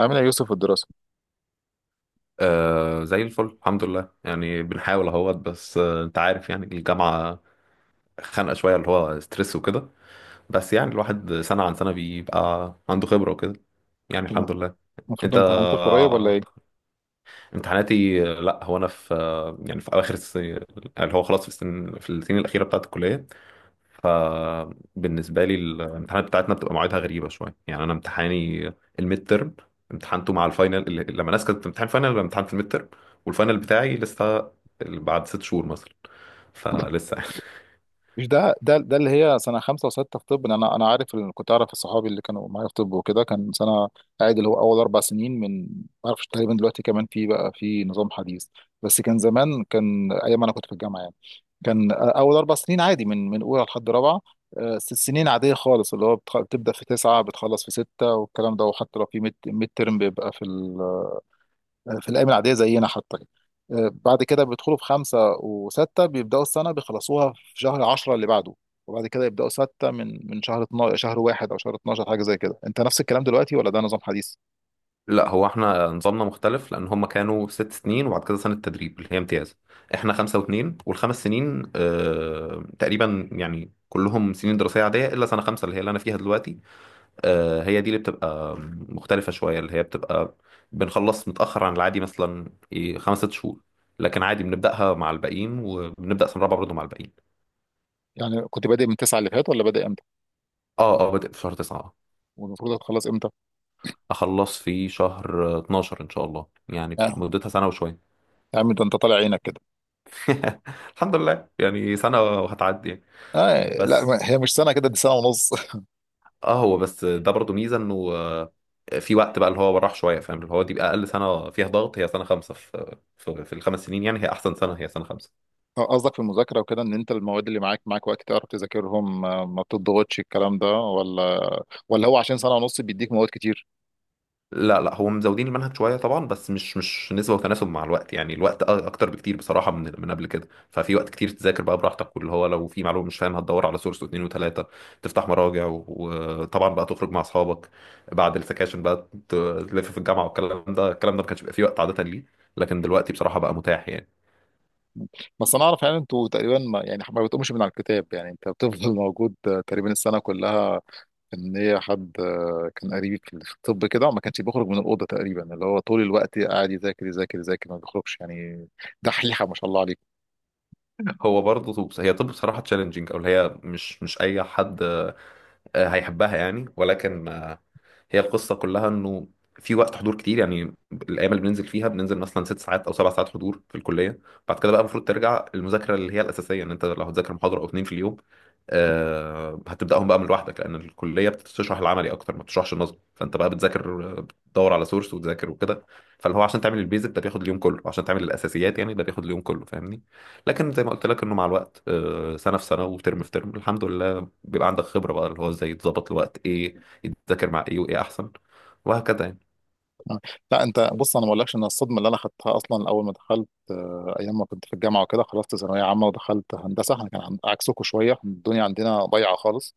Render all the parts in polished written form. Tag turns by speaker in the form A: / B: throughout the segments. A: عامل ايه يا يوسف في الدراسه؟
B: آه، زي الفل الحمد لله. يعني بنحاول اهوت. بس انت عارف، يعني الجامعة خانقة شوية اللي هو ستريس وكده. بس يعني الواحد سنة عن سنة بيبقى عنده خبرة وكده. يعني
A: تمام.
B: الحمد لله.
A: المفروض
B: انت،
A: امتحاناتك قريب ولا ايه؟
B: امتحاناتي لا، هو انا في يعني في اواخر السنة، اللي هو خلاص في السنين الأخيرة بتاعت الكلية. فبالنسبة لي الامتحانات بتاعتنا بتبقى مواعيدها غريبة شوية. يعني أنا امتحاني الميد ترم امتحانته مع الفاينل. لما الناس كانت بتمتحن فاينل أنا امتحان في الميد ترم، والفاينل بتاعي لسه بعد 6 شهور مثلا. فلسه يعني
A: مش ده اللي هي سنه خمسه وسته في طب، إن انا عارف، إن كنت اعرف صحابي اللي كانوا معايا في طب وكده، كان سنه قاعد اللي هو اول اربع سنين. ما اعرفش تقريبا دلوقتي، كمان في بقى في نظام حديث، بس كان زمان، كان ايام انا كنت في الجامعه يعني، كان اول اربع سنين عادي من اولى لحد رابعه. ست سنين عاديه خالص، اللي هو بتبدا في تسعه بتخلص في سته والكلام ده، وحتى لو في ميد ترم بيبقى في الايام العاديه زينا حتى. بعد كده بيدخلوا في خمسه وسته، بيبداوا السنه بيخلصوها في شهر 10 اللي بعده، وبعد كده يبداوا سته من شهر 12، شهر واحد او شهر 12، حاجه زي كده. انت نفس الكلام دلوقتي ولا ده نظام حديث؟
B: لا، هو احنا نظامنا مختلف لأن هم كانوا ست سنين وبعد كده سنة تدريب اللي هي امتياز. احنا 5 و2، والخمس سنين تقريبا يعني كلهم سنين دراسية عادية إلا سنة خمسة اللي هي اللي أنا فيها دلوقتي. هي دي اللي بتبقى مختلفة شوية، اللي هي بتبقى بنخلص متأخر عن العادي مثلا إيه، 5 6 شهور. لكن عادي بنبدأها مع الباقيين، وبنبدأ سنة رابعة برضه مع الباقيين.
A: يعني كنت بادئ من تسعه اللي فات، ولا بادئ امتى؟
B: اه، اه، بادئ في شهر تسعة. آه.
A: والمفروض هتخلص امتى؟
B: أخلص في شهر 12 إن شاء الله. يعني
A: آه.
B: مدتها سنة وشوية.
A: يا عم ده انت طالع عينك كده.
B: الحمد لله، يعني سنة وهتعدي يعني.
A: آه، لا ما-
B: بس
A: هي مش سنه كده، دي سنه ونص.
B: اه هو بس ده برضه ميزة إنه في وقت بقى اللي هو راح شوية، فاهم، اللي هو دي بقى أقل سنة فيها ضغط هي سنة خمسة في ال5 سنين. يعني هي أحسن سنة هي سنة خمسة.
A: قصدك في المذاكره وكده، ان انت المواد اللي معاك وقت تعرف تذاكرهم، ما بتضغطش الكلام ده، ولا ولا هو عشان سنه ونص بيديك مواد كتير؟
B: لا، لا، هو مزودين المنهج شويه طبعا، بس مش نسبه وتناسب مع الوقت. يعني الوقت اكتر بكتير بصراحه من قبل كده. ففي وقت كتير تذاكر بقى براحتك، واللي هو لو في معلومه مش فاهمها تدور على سورس واثنين وثلاثه، تفتح مراجع، وطبعا بقى تخرج مع اصحابك بعد السكاشن بقى، تلف في الجامعه والكلام ده الكلام ده ما كانش بيبقى فيه وقت عاده ليه، لكن دلوقتي بصراحه بقى متاح يعني.
A: بس انا اعرف يعني انتوا تقريبا ما بتقومش من على الكتاب، يعني انت بتفضل موجود تقريبا السنه كلها. ان هي حد كان قريب في الطب كده وما كانش بيخرج من الاوضه، تقريبا اللي هو طول الوقت قاعد يذاكر يذاكر يذاكر، ما بيخرجش يعني. دحيحه ما شاء الله عليك.
B: هو برضه طب، هي طب بصراحة تشالنجينج، او اللي هي مش اي حد هيحبها يعني. ولكن هي القصة كلها انه في وقت حضور كتير. يعني الايام اللي بننزل فيها بننزل مثلا 6 ساعات او 7 ساعات حضور في الكلية. بعد كده بقى المفروض ترجع المذاكرة اللي هي الاساسية، ان انت لو هتذاكر محاضرة او اتنين في اليوم هتبداهم بقى من لوحدك، لان الكليه بتشرح العملي اكتر ما بتشرحش النظري. فانت بقى بتذاكر، بتدور على سورس وتذاكر وكده. فاللي هو عشان تعمل البيزك ده بياخد اليوم كله، وعشان تعمل الاساسيات يعني ده بياخد اليوم كله، فاهمني. لكن زي ما قلت لك، انه مع الوقت سنه في سنه وترم في ترم، الحمد لله بيبقى عندك خبره بقى، اللي هو ازاي تظبط الوقت، ايه يتذاكر مع ايه، وايه احسن، وهكذا يعني.
A: لا انت بص، انا ما اقولكش ان الصدمه اللي انا خدتها اصلا اول ما دخلت، ايام ما كنت في الجامعه وكده، خلصت ثانويه عامه ودخلت هندسه، احنا كان عكسكم شويه، الدنيا عندنا ضايعه خالص.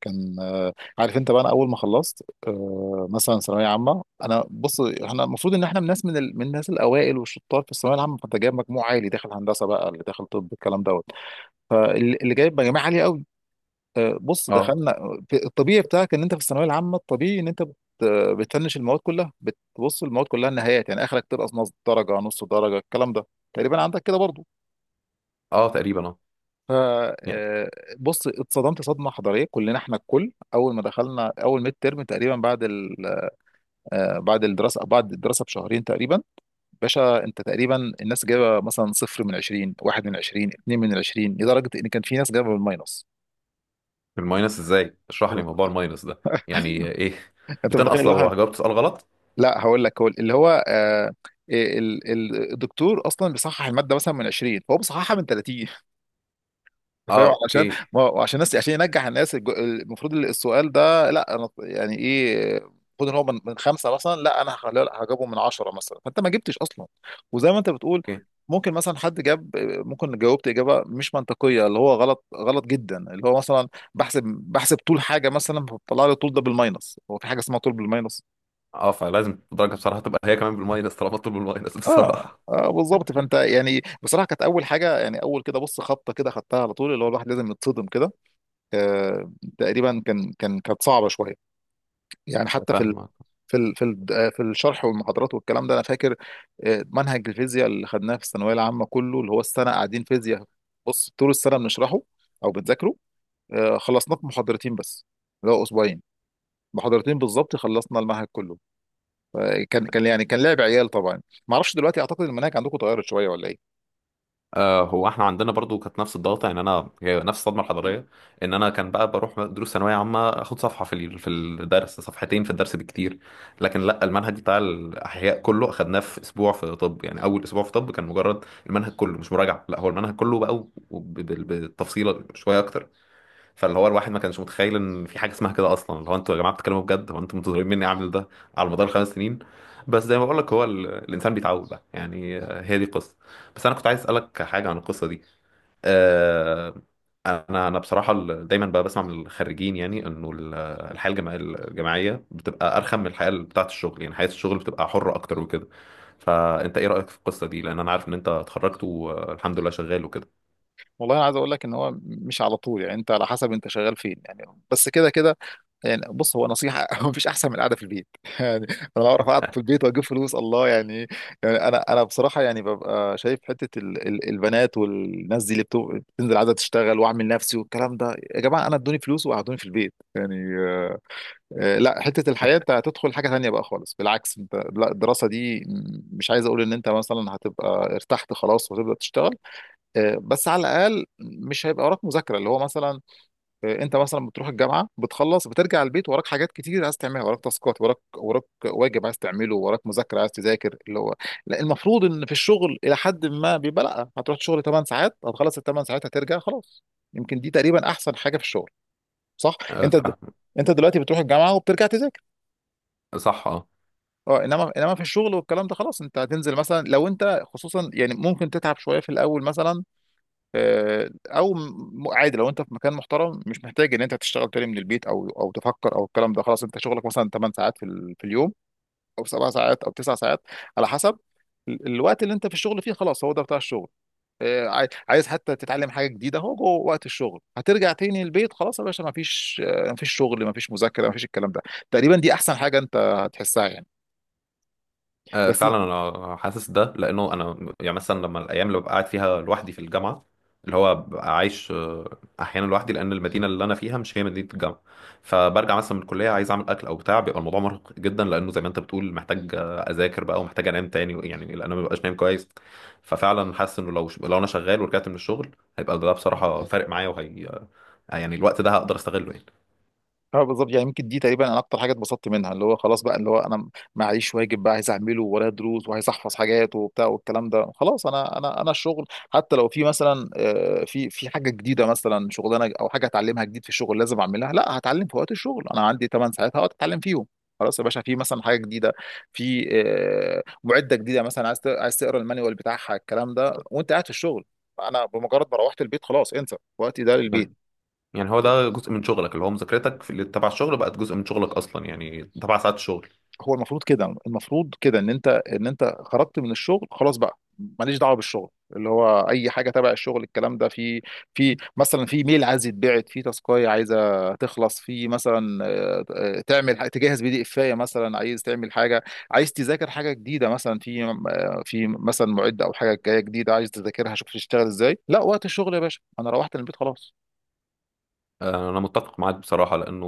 A: كان، عارف انت بقى، انا اول ما خلصت مثلا ثانويه عامه، انا بص، احنا المفروض ان احنا من الناس، من الناس الاوائل والشطار في الثانويه العامه، فانت جايب مجموع عالي داخل هندسه بقى، اللي داخل طب الكلام دوت، فاللي جايب مجاميع عاليه قوي. بص
B: اه،
A: دخلنا، الطبيعي بتاعك ان انت في الثانويه العامه، الطبيعي ان انت بتفنش المواد كلها، بتبص المواد كلها النهايات، يعني اخرك تنقص نص درجه، نص درجه الكلام ده تقريبا عندك كده برضه.
B: اه، تقريبا، اه. يعني
A: فبص، اتصدمت صدمه حضاريه، كلنا احنا الكل اول ما دخلنا اول ميد ترم تقريبا، بعد الدراسه بشهرين تقريبا. باشا، انت تقريبا الناس جايبه مثلا صفر من 20، واحد من 20، اتنين من 20، لدرجه ان كان في ناس جايبه بالماينس.
B: الماينس ازاي؟ اشرح لي موضوع الماينس ده. يعني ايه؟
A: انت متخيل
B: بتنقص
A: واحد؟
B: لو جاوبت سؤال غلط؟
A: لا هقول لك، هو اللي هو الدكتور اصلا بيصحح الماده مثلا من 20، فهو بيصححها من 30. فاهم؟
B: اه،
A: علشان،
B: اوكي،
A: ما هو عشان الناس، عشان ينجح الناس، المفروض السؤال ده، لا انا يعني ايه، المفروض ان هو من خمسه مثلا، لا انا هخليه- لا، هجيبه من عشره مثلا، فانت ما جبتش اصلا. وزي ما انت بتقول،
B: اوكي.
A: ممكن مثلا حد جاب، ممكن جاوبت اجابه مش منطقيه، اللي هو غلط، غلط جدا، اللي هو مثلا بحسب طول حاجه مثلا، فطلع لي الطول ده بالماينس، هو في حاجه اسمها طول بالماينس؟
B: اه، فلازم الدرجه بصراحه تبقى هي كمان بالماينس طالما مطلوب بالماينس
A: اه
B: بصراحه.
A: اه بالظبط. فانت يعني بصراحه كانت اول حاجه، يعني اول كده بص، خبطه كده خدتها على طول، اللي هو الواحد لازم يتصدم كده. آه، تقريبا كانت صعبه شويه. يعني حتى
B: فاهمك.
A: في ال في الشرح والمحاضرات والكلام ده، انا فاكر منهج الفيزياء اللي خدناه في الثانويه العامه كله، اللي هو السنه قاعدين فيزياء، بص طول السنه بنشرحه او بنذاكره، خلصناه في محاضرتين بس، اللي هو اسبوعين، محاضرتين بالظبط خلصنا المنهج كله. فكان، كان لعب عيال طبعا. ما اعرفش دلوقتي، اعتقد المناهج عندكم اتغيرت شويه ولا ايه؟
B: هو احنا عندنا برضو كانت نفس الضغطه. يعني انا هي نفس الصدمه الحضاريه، ان انا كان بقى بروح دروس ثانويه عامه اخد صفحه في الدرس، صفحتين في الدرس بكتير. لكن لا، المنهج بتاع الاحياء كله اخدناه في اسبوع في طب. يعني اول اسبوع في طب كان مجرد المنهج كله، مش مراجعه، لا هو المنهج كله بقى، بالتفصيل شويه اكتر. فاللي هو الواحد ما كانش متخيل ان في حاجه اسمها كده اصلا، اللي هو انتوا يا جماعه بتتكلموا بجد؟ هو انتوا منتظرين مني اعمل ده على مدار ال5 سنين؟ بس زي ما بقول لك، هو الانسان بيتعود بقى يعني. هي دي القصه. بس انا كنت عايز اسالك حاجه عن القصه دي. آه، انا بصراحه دايما بقى بسمع من الخريجين، يعني انه الحياه الجامعيه بتبقى ارخم من الحياه بتاعه الشغل. يعني حياه الشغل بتبقى حره اكتر وكده. فانت ايه رايك في القصه دي؟ لان انا عارف ان انت اتخرجت، والحمد لله شغال وكده.
A: والله انا عايز اقول لك ان هو مش على طول يعني، انت على حسب انت شغال فين يعني، بس كده كده. يعني بص، هو نصيحة هو مفيش أحسن من القعدة في البيت. يعني أنا بعرف أقعد في البيت وأجيب فلوس، الله يعني. يعني أنا بصراحة يعني ببقى شايف حتة ال البنات والناس دي اللي بتنزل عايزة تشتغل وأعمل نفسي والكلام ده، يا جماعة أنا ادوني فلوس وقعدوني في البيت يعني. لا حتة الحياة، أنت هتدخل حاجة تانية بقى خالص، بالعكس أنت، لا الدراسة دي مش عايز أقول إن أنت مثلا هتبقى ارتحت خلاص وتبدأ تشتغل، بس على الأقل مش هيبقى وراك مذاكرة، اللي هو مثلا انت مثلا بتروح الجامعه بتخلص بترجع البيت، وراك حاجات كتير عايز تعملها، وراك تاسكات، وراك واجب عايز تعمله، وراك مذاكره عايز تذاكر اللي هو. لا المفروض ان في الشغل الى حد ما بيبقى لا، هتروح الشغل 8 ساعات هتخلص ال 8 ساعات هترجع خلاص، يمكن دي تقريبا احسن حاجه في الشغل. صح؟
B: آه،
A: انت د... انت دلوقتي بتروح الجامعه وبترجع تذاكر،
B: صح، اه.
A: اه. انما في الشغل والكلام ده، خلاص انت هتنزل مثلا، لو انت خصوصا يعني ممكن تتعب شويه في الاول مثلا، عادي لو انت في مكان محترم مش محتاج ان انت تشتغل تاني من البيت او تفكر او الكلام ده، خلاص انت شغلك مثلا 8 ساعات في اليوم، او 7 ساعات او 9 ساعات على حسب، الوقت اللي انت في الشغل فيه خلاص، هو ده بتاع الشغل. عايز حتى تتعلم حاجه جديده، هو جوه وقت الشغل، هترجع تاني البيت، خلاص يا باشا، ما فيش ما فيش شغل، ما فيش مذاكره، ما فيش الكلام ده، تقريبا دي احسن حاجه انت هتحسها يعني.
B: آه،
A: بس
B: فعلا. انا حاسس ده لانه انا، يعني مثلا لما الايام اللي ببقى قاعد فيها لوحدي في الجامعه، اللي هو ببقى عايش احيانا لوحدي لان المدينه اللي انا فيها مش هي مدينه الجامعه. فبرجع مثلا من الكليه عايز اعمل اكل او بتاع، بيبقى الموضوع مرهق جدا لانه زي ما انت بتقول محتاج اذاكر بقى ومحتاج انام تاني، يعني لان انا ما ببقاش نايم كويس. ففعلا حاسس انه لو انا شغال ورجعت من الشغل، هيبقى ده بصراحه فارق معايا. وهي يعني الوقت ده هقدر استغله يعني.
A: اه بالظبط يعني، يمكن دي تقريبا انا اكتر حاجه اتبسطت منها، اللي هو خلاص بقى، اللي هو انا معيش واجب بقى عايز اعمله ورايا، دروس وعايز احفظ حاجات وبتاع والكلام ده، خلاص، انا الشغل حتى لو في مثلا في حاجه جديده مثلا، شغلانه او حاجه اتعلمها جديد في الشغل لازم اعملها، لا هتعلم في وقت الشغل، انا عندي 8 ساعات هقعد اتعلم فيهم، خلاص يا باشا. في مثلا حاجه جديده، في معده جديده مثلا، عايز عايز تقرا المانيوال بتاعها، الكلام ده وانت قاعد في الشغل، انا بمجرد ما روحت البيت خلاص انسى، وقتي ده للبيت.
B: يعني هو ده جزء من شغلك، اللي هو مذاكرتك في اللي تبع الشغل بقت جزء من شغلك اصلا، يعني تبع ساعات الشغل.
A: هو المفروض كده، المفروض كده ان انت، خرجت من الشغل خلاص بقى ماليش دعوه بالشغل، اللي هو اي حاجه تبع الشغل الكلام ده، في مثلا في ميل عايز يتبعت، في تاسكايه عايزه تخلص، في مثلا تعمل تجهز بي دي افايه مثلا، عايز تعمل حاجه، عايز تذاكر حاجه جديده مثلا، في في مثلا معده او حاجه جايه جديده عايز تذاكرها، شوف تشتغل ازاي، لا وقت الشغل يا باشا، انا روحت البيت خلاص.
B: انا متفق معاك بصراحه، لانه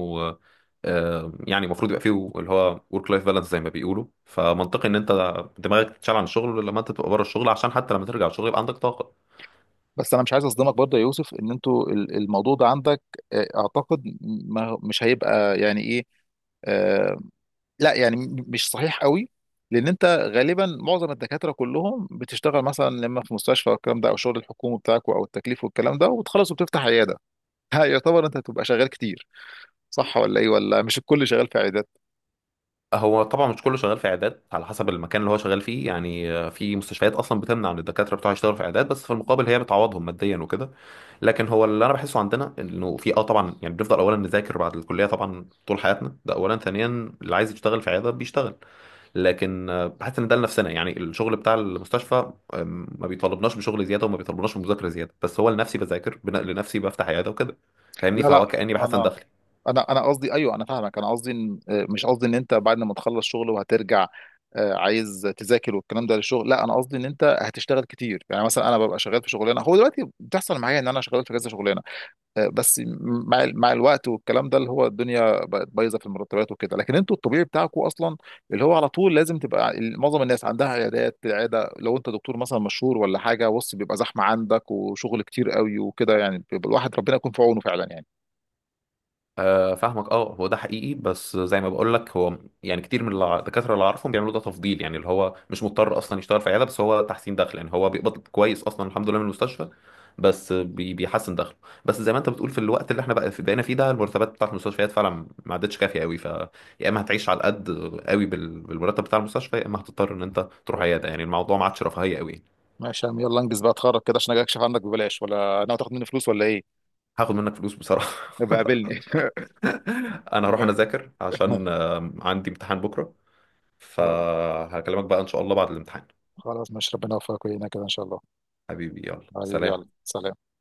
B: يعني المفروض يبقى فيه اللي هو ورك لايف بالانس زي ما بيقولوا. فمنطقي ان انت دماغك تتشال عن الشغل لما انت تبقى بره الشغل، عشان حتى لما ترجع الشغل يبقى عندك طاقه.
A: بس انا مش عايز اصدمك برضه يا يوسف، ان انتوا الموضوع ده عندك اعتقد ما مش هيبقى يعني ايه، آه، لا يعني مش صحيح قوي، لان انت غالبا معظم الدكاتره كلهم بتشتغل مثلا لما في مستشفى والكلام ده، او شغل الحكومي بتاعك او التكليف والكلام ده، وبتخلص وبتفتح عياده. ها، يعتبر انت هتبقى شغال كتير، صح ولا ايه؟ ولا مش الكل شغال في عيادات؟
B: هو طبعا مش كله شغال في عيادات، على حسب المكان اللي هو شغال فيه يعني. في مستشفيات اصلا بتمنع ان الدكاتره بتوعها يشتغلوا في عيادات، بس في المقابل هي بتعوضهم ماديا وكده. لكن هو اللي انا بحسه عندنا انه في طبعا، يعني بنفضل اولا نذاكر بعد الكليه طبعا طول حياتنا ده اولا. ثانيا، اللي عايز يشتغل في عياده بيشتغل، لكن بحس ان ده لنفسنا. يعني الشغل بتاع المستشفى ما بيطالبناش بشغل زياده وما بيطالبناش بمذاكره زياده، بس هو لنفسي بذاكر، لنفسي بفتح عياده وكده فاهمني.
A: لا لا،
B: فهو كاني بحسن
A: انا
B: دخل.
A: انا قصدي ايوه، انا فاهمك، انا قصدي مش قصدي ان انت بعد ما تخلص شغل وهترجع عايز تذاكر والكلام ده للشغل، لا انا قصدي ان انت هتشتغل كتير، يعني مثلا انا ببقى شغال في شغلانه، هو دلوقتي بتحصل معايا ان انا شغال في كذا شغلانه، بس مع الوقت والكلام ده، اللي هو الدنيا بقت بايظه في المرتبات وكده، لكن انتوا الطبيعي بتاعكم اصلا، اللي هو على طول لازم تبقى معظم الناس عندها عيادات، العياده لو انت دكتور مثلا مشهور ولا حاجه، بص بيبقى زحمه عندك وشغل كتير قوي وكده، يعني بيبقى الواحد ربنا يكون في عونه فعلا يعني.
B: آه، فاهمك، اه. هو ده حقيقي. بس زي ما بقول لك، هو يعني كتير من الدكاتره اللي اعرفهم بيعملوا ده تفضيل. يعني اللي هو مش مضطر اصلا يشتغل في عياده، بس هو تحسين دخل. يعني هو بيقبض كويس اصلا الحمد لله من المستشفى، بس بيحسن دخله. بس زي ما انت بتقول، في الوقت اللي احنا بقى بقينا فيه ده، المرتبات بتاعت المستشفيات فعلا ما عادتش كافيه قوي. ف يا اما هتعيش على القد قوي بالمرتب بتاع المستشفى، يا اما هتضطر ان انت تروح عياده. يعني الموضوع ما عادش رفاهيه قوي.
A: ماشي يا عم، يلا انجز بقى اتخرج كده، عشان اجي اكشف عندك ببلاش ولا ناوي تاخد مني فلوس ولا ايه؟
B: هاخد منك فلوس بصراحه.
A: يبقى قابلني.
B: انا هروح، انا اذاكر عشان عندي امتحان بكره.
A: خلاص،
B: فهكلمك بقى إن شاء الله بعد الامتحان.
A: خلاص ماشي، ربنا يوفقك ويعينك كده ان شاء الله.
B: حبيبي، يلا
A: حبيبي يلا
B: سلام.
A: سلام.